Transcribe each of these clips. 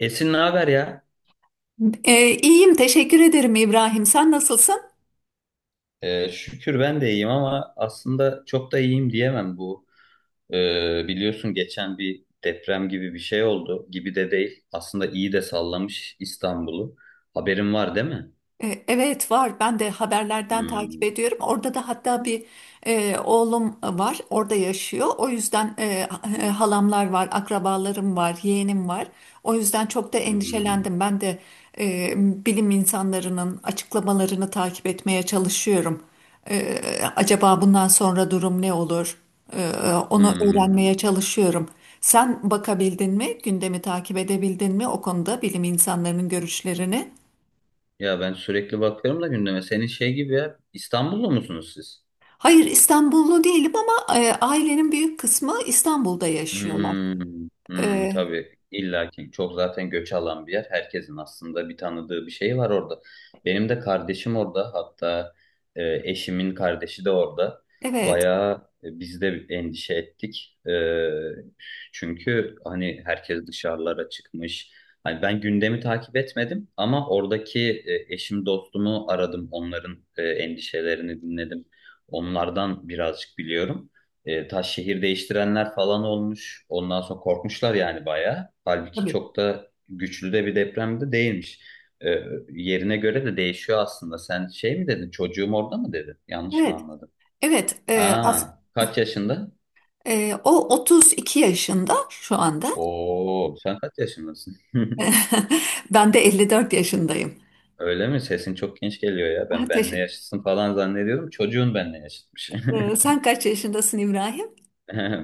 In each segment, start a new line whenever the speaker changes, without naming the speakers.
Esin ne haber ya?
İyiyim, teşekkür ederim İbrahim. Sen nasılsın?
Şükür ben de iyiyim ama aslında çok da iyiyim diyemem bu. Biliyorsun geçen bir deprem gibi bir şey oldu. Gibi de değil. Aslında iyi de sallamış İstanbul'u. Haberin var değil mi?
Evet var. Ben de haberlerden takip
Hmm,
ediyorum. Orada da hatta bir oğlum var. Orada yaşıyor. O yüzden halamlar var, akrabalarım var, yeğenim var. O yüzden çok da
hmm,
endişelendim. Ben de bilim insanlarının açıklamalarını takip etmeye çalışıyorum. E, Acaba bundan sonra durum ne olur? E, Onu
hmm.
öğrenmeye çalışıyorum. Sen bakabildin mi? Gündemi takip edebildin mi o konuda bilim insanlarının görüşlerini?
Ya ben sürekli bakıyorum da gündeme. Senin şey gibi ya. İstanbullu musunuz siz?
Hayır, İstanbullu değilim ama ailenin büyük kısmı İstanbul'da yaşıyorlar.
Hmm, hmm,
E,
tabii illa ki çok zaten göç alan bir yer. Herkesin aslında bir tanıdığı bir şey var orada. Benim de kardeşim orada hatta eşimin kardeşi de orada.
evet,
Bayağı biz de endişe ettik. Çünkü hani herkes dışarılara çıkmış. Hani ben gündemi takip etmedim ama oradaki eşim dostumu aradım. Onların endişelerini dinledim. Onlardan birazcık biliyorum. Taş şehir değiştirenler falan olmuş. Ondan sonra korkmuşlar yani bayağı. Halbuki
tabii.
çok da güçlü de bir deprem de değilmiş. E, Yerine göre de değişiyor aslında. Sen şey mi dedin? Çocuğum orada mı dedin? Yanlış mı
Evet,
anladım?
evet.
Ha, kaç yaşında?
O 32 yaşında şu anda.
Oo, sen kaç yaşındasın?
Ben de 54 yaşındayım.
Öyle mi? Sesin çok genç geliyor ya. Ben
Ah,
benle
teşekkür-
yaşıtsın falan zannediyorum. Çocuğun benle yaşıtmış.
Sen kaç yaşındasın İbrahim?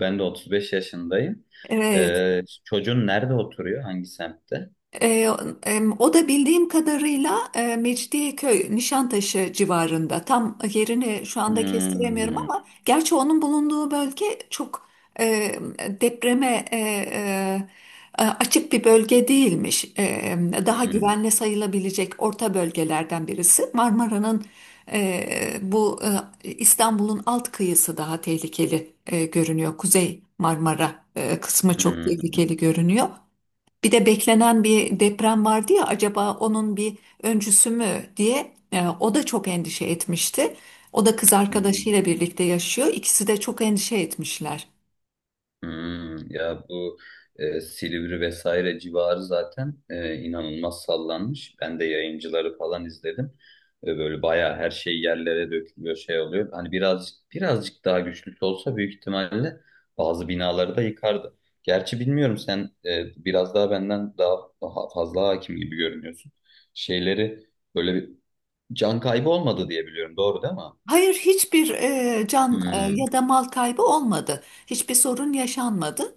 Ben de 35 yaşındayım.
Evet.
Çocuğun nerede oturuyor? Hangi semtte?
Ee, O da bildiğim kadarıyla Mecidiyeköy, Nişantaşı civarında. Tam yerini şu anda kestiremiyorum
Hmm.
ama gerçi onun bulunduğu bölge çok e, depreme açık bir bölge değilmiş. Daha
Hmm.
güvenli sayılabilecek orta bölgelerden birisi. Marmara'nın e, bu İstanbul'un alt kıyısı daha tehlikeli görünüyor. Kuzey Marmara kısmı çok
Hmm,
tehlikeli görünüyor. Bir de beklenen bir deprem vardı ya, acaba onun bir öncüsü mü diye o da çok endişe etmişti. O da kız
hmm,
arkadaşıyla birlikte yaşıyor. İkisi de çok endişe etmişler.
hmm. Ya bu Silivri vesaire civarı zaten inanılmaz sallanmış. Ben de yayıncıları falan izledim. Böyle bayağı her şey yerlere dökülüyor, şey oluyor. Hani birazcık daha güçlüsü olsa büyük ihtimalle bazı binaları da yıkardı. Gerçi bilmiyorum sen biraz daha benden daha fazla hakim gibi görünüyorsun. Şeyleri böyle bir can kaybı olmadı diye biliyorum. Doğru değil mi?
Hayır, hiçbir can
Hmm.
ya da mal kaybı olmadı. Hiçbir sorun yaşanmadı.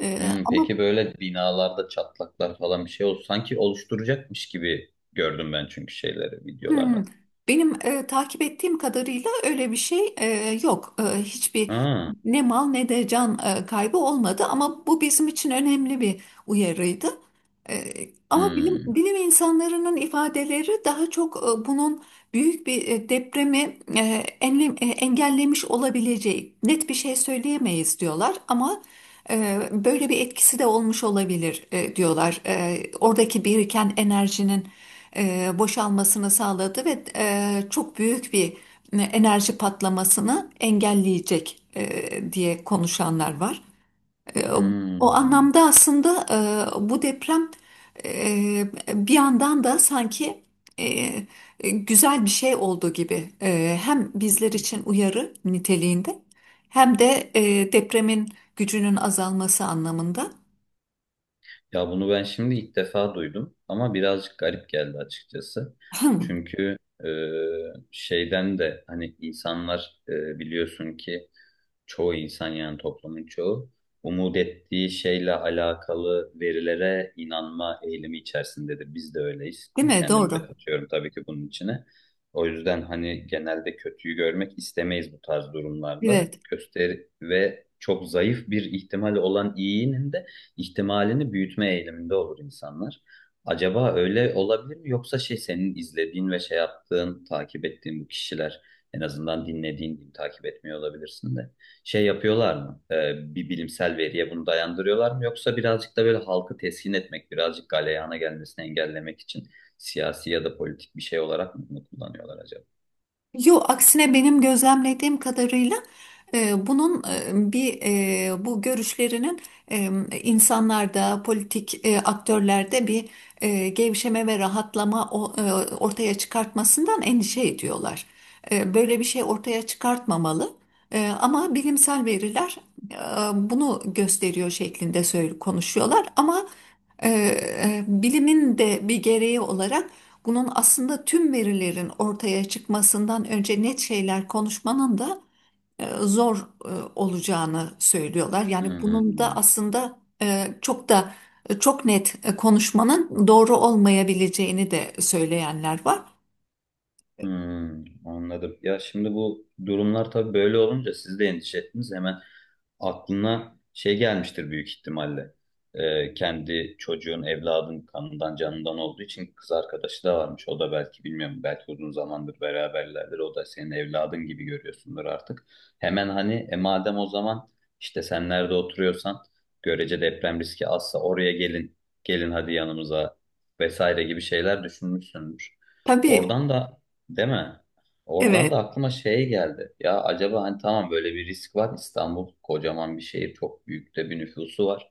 E,
Hmm,
ama
peki böyle binalarda çatlaklar falan bir şey oldu. Sanki oluşturacakmış gibi gördüm ben çünkü şeyleri
Hmm.
videolarda.
Benim takip ettiğim kadarıyla öyle bir şey yok. Hiçbir
Ha,
ne mal ne de can kaybı olmadı ama bu bizim için önemli bir uyarıydı. E, Ama bilim,
hmm,
bilim insanlarının ifadeleri daha çok bunun büyük bir depremi engellemiş olabileceği net bir şey söyleyemeyiz diyorlar ama böyle bir etkisi de olmuş olabilir diyorlar. Oradaki biriken enerjinin boşalmasını sağladı ve çok büyük bir enerji patlamasını engelleyecek diye konuşanlar var. E, O
hmm.
anlamda aslında bu deprem e, bir yandan da sanki güzel bir şey olduğu gibi, hem bizler için uyarı niteliğinde hem de depremin gücünün azalması anlamında.
Ya bunu ben şimdi ilk defa duydum ama birazcık garip geldi açıkçası.
Hmm,
Çünkü e, şeyden de hani insanlar biliyorsun ki çoğu insan yani toplumun çoğu umut ettiği şeyle alakalı verilere inanma eğilimi içerisindedir. Biz de öyleyiz.
değil
Ben
mi?
kendimi de
Doğru.
katıyorum tabii ki bunun içine. O yüzden hani genelde kötüyü görmek istemeyiz bu tarz durumlarda.
Evet.
Göster ve çok zayıf bir ihtimal olan iyinin de ihtimalini büyütme eğiliminde olur insanlar. Acaba öyle olabilir mi? Yoksa şey senin izlediğin ve şey yaptığın, takip ettiğin bu kişiler en azından dinlediğin diyeyim, takip etmiyor olabilirsin de şey yapıyorlar mı? Bir bilimsel veriye bunu dayandırıyorlar mı? Yoksa birazcık da böyle halkı teskin etmek, birazcık galeyana gelmesini engellemek için siyasi ya da politik bir şey olarak mı bunu kullanıyorlar acaba?
Yo, aksine benim gözlemlediğim kadarıyla bunun bu görüşlerinin e, insanlarda, politik aktörlerde bir gevşeme ve rahatlama ortaya çıkartmasından endişe ediyorlar. Böyle bir şey ortaya çıkartmamalı. Ama bilimsel veriler e, bunu gösteriyor şeklinde söyle konuşuyorlar. Ama bilimin de bir gereği olarak. Bunun aslında tüm verilerin ortaya çıkmasından önce net şeyler konuşmanın da zor e, olacağını söylüyorlar. Yani bunun da
Hmm.
aslında çok da çok net konuşmanın doğru olmayabileceğini de söyleyenler var.
Hmm, anladım. Ya şimdi bu durumlar tabii böyle olunca siz de endişe ettiniz. Hemen aklına şey gelmiştir büyük ihtimalle. Kendi çocuğun, evladın kanından, canından olduğu için kız arkadaşı da varmış. O da belki bilmiyorum, belki uzun zamandır beraberlerdir. O da senin evladın gibi görüyorsundur artık. Hemen hani madem o zaman işte sen nerede oturuyorsan görece deprem riski azsa oraya gelin, gelin hadi yanımıza vesaire gibi şeyler düşünmüşsündür.
Tabii,
Oradan da değil mi? Oradan da
evet,
aklıma şey geldi. Ya acaba hani tamam böyle bir risk var. İstanbul kocaman bir şehir, çok büyük de bir nüfusu var.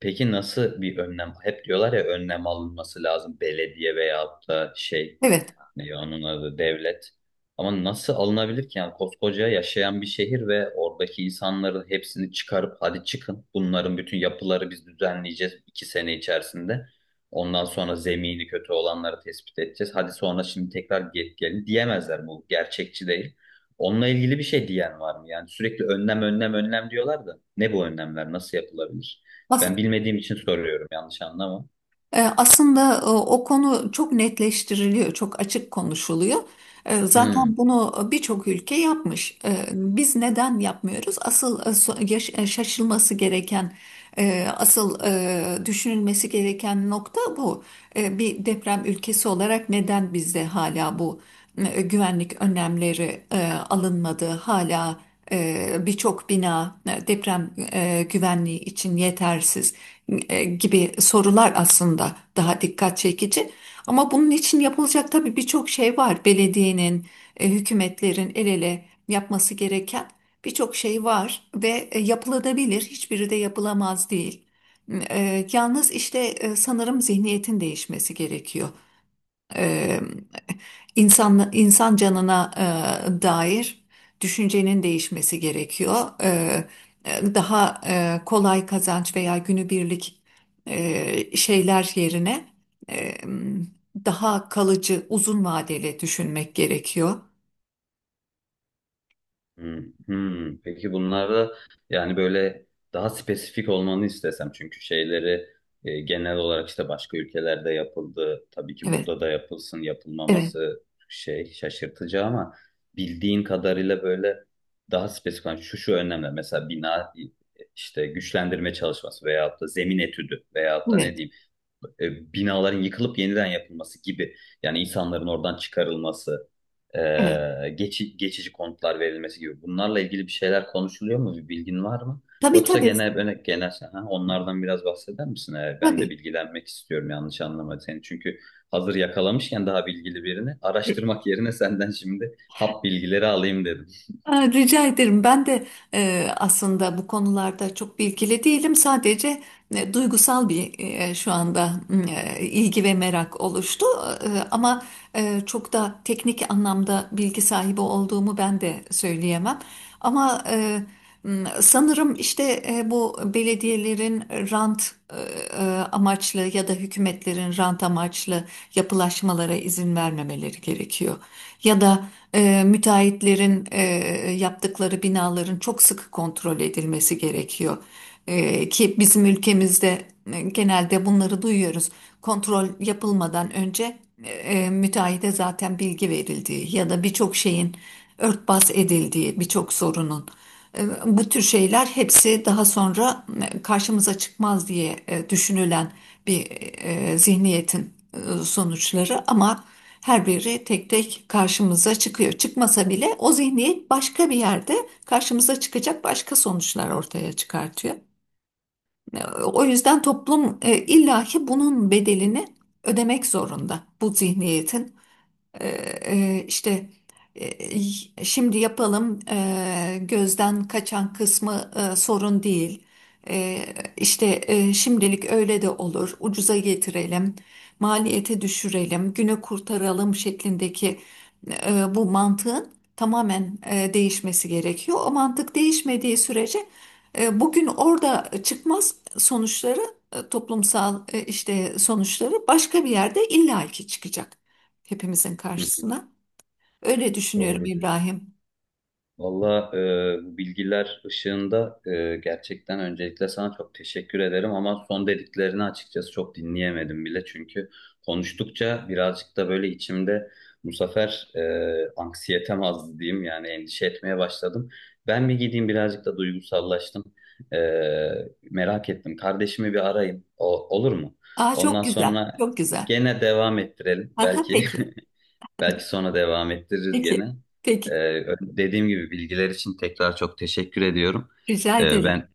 Peki nasıl bir önlem? Hep diyorlar ya önlem alınması lazım belediye veyahut da şey
evet.
ne onun adı devlet. Ama nasıl alınabilir ki yani koskoca yaşayan bir şehir ve oradaki insanların hepsini çıkarıp hadi çıkın bunların bütün yapıları biz düzenleyeceğiz iki sene içerisinde. Ondan sonra zemini kötü olanları tespit edeceğiz. Hadi sonra şimdi tekrar gelin diyemezler bu gerçekçi değil. Onunla ilgili bir şey diyen var mı? Yani sürekli önlem önlem önlem diyorlar da ne bu önlemler nasıl yapılabilir?
As-
Ben bilmediğim için soruyorum yanlış anlama.
Aslında o konu çok netleştiriliyor, çok açık konuşuluyor.
Hmm.
Zaten bunu birçok ülke yapmış. Biz neden yapmıyoruz? Asıl şaşılması gereken, asıl düşünülmesi gereken nokta bu. Bir deprem ülkesi olarak neden bizde hala bu güvenlik önlemleri alınmadı? Hala birçok bina deprem güvenliği için yetersiz gibi sorular aslında daha dikkat çekici. Ama bunun için yapılacak tabii birçok şey var. Belediyenin, hükümetlerin el ele yapması gereken birçok şey var ve yapılabilir. Hiçbiri de yapılamaz değil. Yalnız işte sanırım zihniyetin değişmesi gerekiyor. E, İnsan, insan canına dair düşüncenin değişmesi gerekiyor. E, Daha kolay kazanç veya günübirlik şeyler yerine e, daha kalıcı, uzun vadeli düşünmek gerekiyor.
Hmm, hmm. Peki bunlarda yani böyle daha spesifik olmanı istesem çünkü şeyleri genel olarak işte başka ülkelerde yapıldı. Tabii ki
Evet,
burada da yapılsın
evet,
yapılmaması şey şaşırtıcı ama bildiğin kadarıyla böyle daha spesifik. Yani şu şu önemli mesela bina işte güçlendirme çalışması veyahut da zemin etüdü veyahut da ne
evet,
diyeyim binaların yıkılıp yeniden yapılması gibi yani insanların oradan çıkarılması,
evet.
e, geçici konutlar verilmesi gibi bunlarla ilgili bir şeyler konuşuluyor mu? Bir bilgin var mı?
Tabii,
Yoksa
tabii,
genel böyle genel ha, onlardan biraz bahseder misin? Ben de
tabii.
bilgilenmek istiyorum yanlış anlama seni. Çünkü hazır yakalamışken daha bilgili birini araştırmak yerine senden şimdi hap bilgileri alayım dedim.
Aa, rica ederim. Ben de aslında bu konularda çok bilgili değilim. Sadece duygusal bir şu anda ilgi ve merak oluştu. Ama çok da teknik anlamda bilgi sahibi olduğumu ben de söyleyemem. Ama sanırım işte bu belediyelerin rant e, amaçlı ya da hükümetlerin rant amaçlı yapılaşmalara izin vermemeleri gerekiyor. Ya da müteahhitlerin yaptıkları binaların çok sıkı kontrol edilmesi gerekiyor. Ki bizim ülkemizde genelde bunları duyuyoruz. Kontrol yapılmadan önce müteahhide zaten bilgi verildiği ya da birçok şeyin örtbas edildiği, birçok sorunun. Bu tür şeyler hepsi daha sonra karşımıza çıkmaz diye düşünülen bir zihniyetin sonuçları ama her biri tek tek karşımıza çıkıyor. Çıkmasa bile o zihniyet başka bir yerde karşımıza çıkacak başka sonuçlar ortaya çıkartıyor. O yüzden toplum illaki bunun bedelini ödemek zorunda. Bu zihniyetin ee, işte şimdi yapalım, gözden kaçan kısmı sorun değil. E, işte şimdilik öyle de olur. Ucuza getirelim, maliyeti düşürelim, günü kurtaralım şeklindeki bu mantığın tamamen değişmesi gerekiyor. O mantık değişmediği sürece bugün orada çıkmaz sonuçları toplumsal işte sonuçları başka bir yerde illaki çıkacak hepimizin karşısına. Öyle düşünüyorum
Doğru diyorsun.
İbrahim.
Valla bu bilgiler ışığında gerçekten öncelikle sana çok teşekkür ederim ama son dediklerini açıkçası çok dinleyemedim bile çünkü konuştukça birazcık da böyle içimde bu sefer anksiyetem azdı diyeyim yani endişe etmeye başladım. Ben bir gideyim birazcık da duygusallaştım. E, Merak ettim. Kardeşimi bir arayayım. O, olur mu?
Aa, çok
Ondan
güzel,
sonra
çok güzel.
gene devam ettirelim.
Aha,
Belki
peki,
Belki sonra devam ettiririz
peki,
gene. Ee,
peki.
Dediğim gibi bilgiler için tekrar çok teşekkür ediyorum.
Rica
Ben
ederim.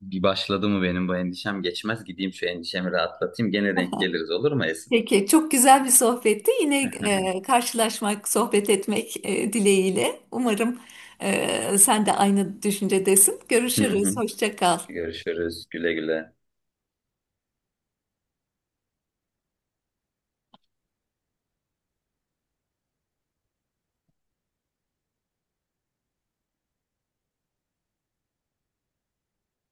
bir başladı mı benim bu endişem geçmez. Gideyim şu endişemi rahatlatayım. Gene denk
Aha,
geliriz olur mu Esin?
peki, çok güzel bir sohbetti. Yine karşılaşmak, sohbet etmek dileğiyle. Umarım sen de aynı düşüncedesin.
Hı
Görüşürüz,
hı.
hoşça kal.
Görüşürüz. Güle güle.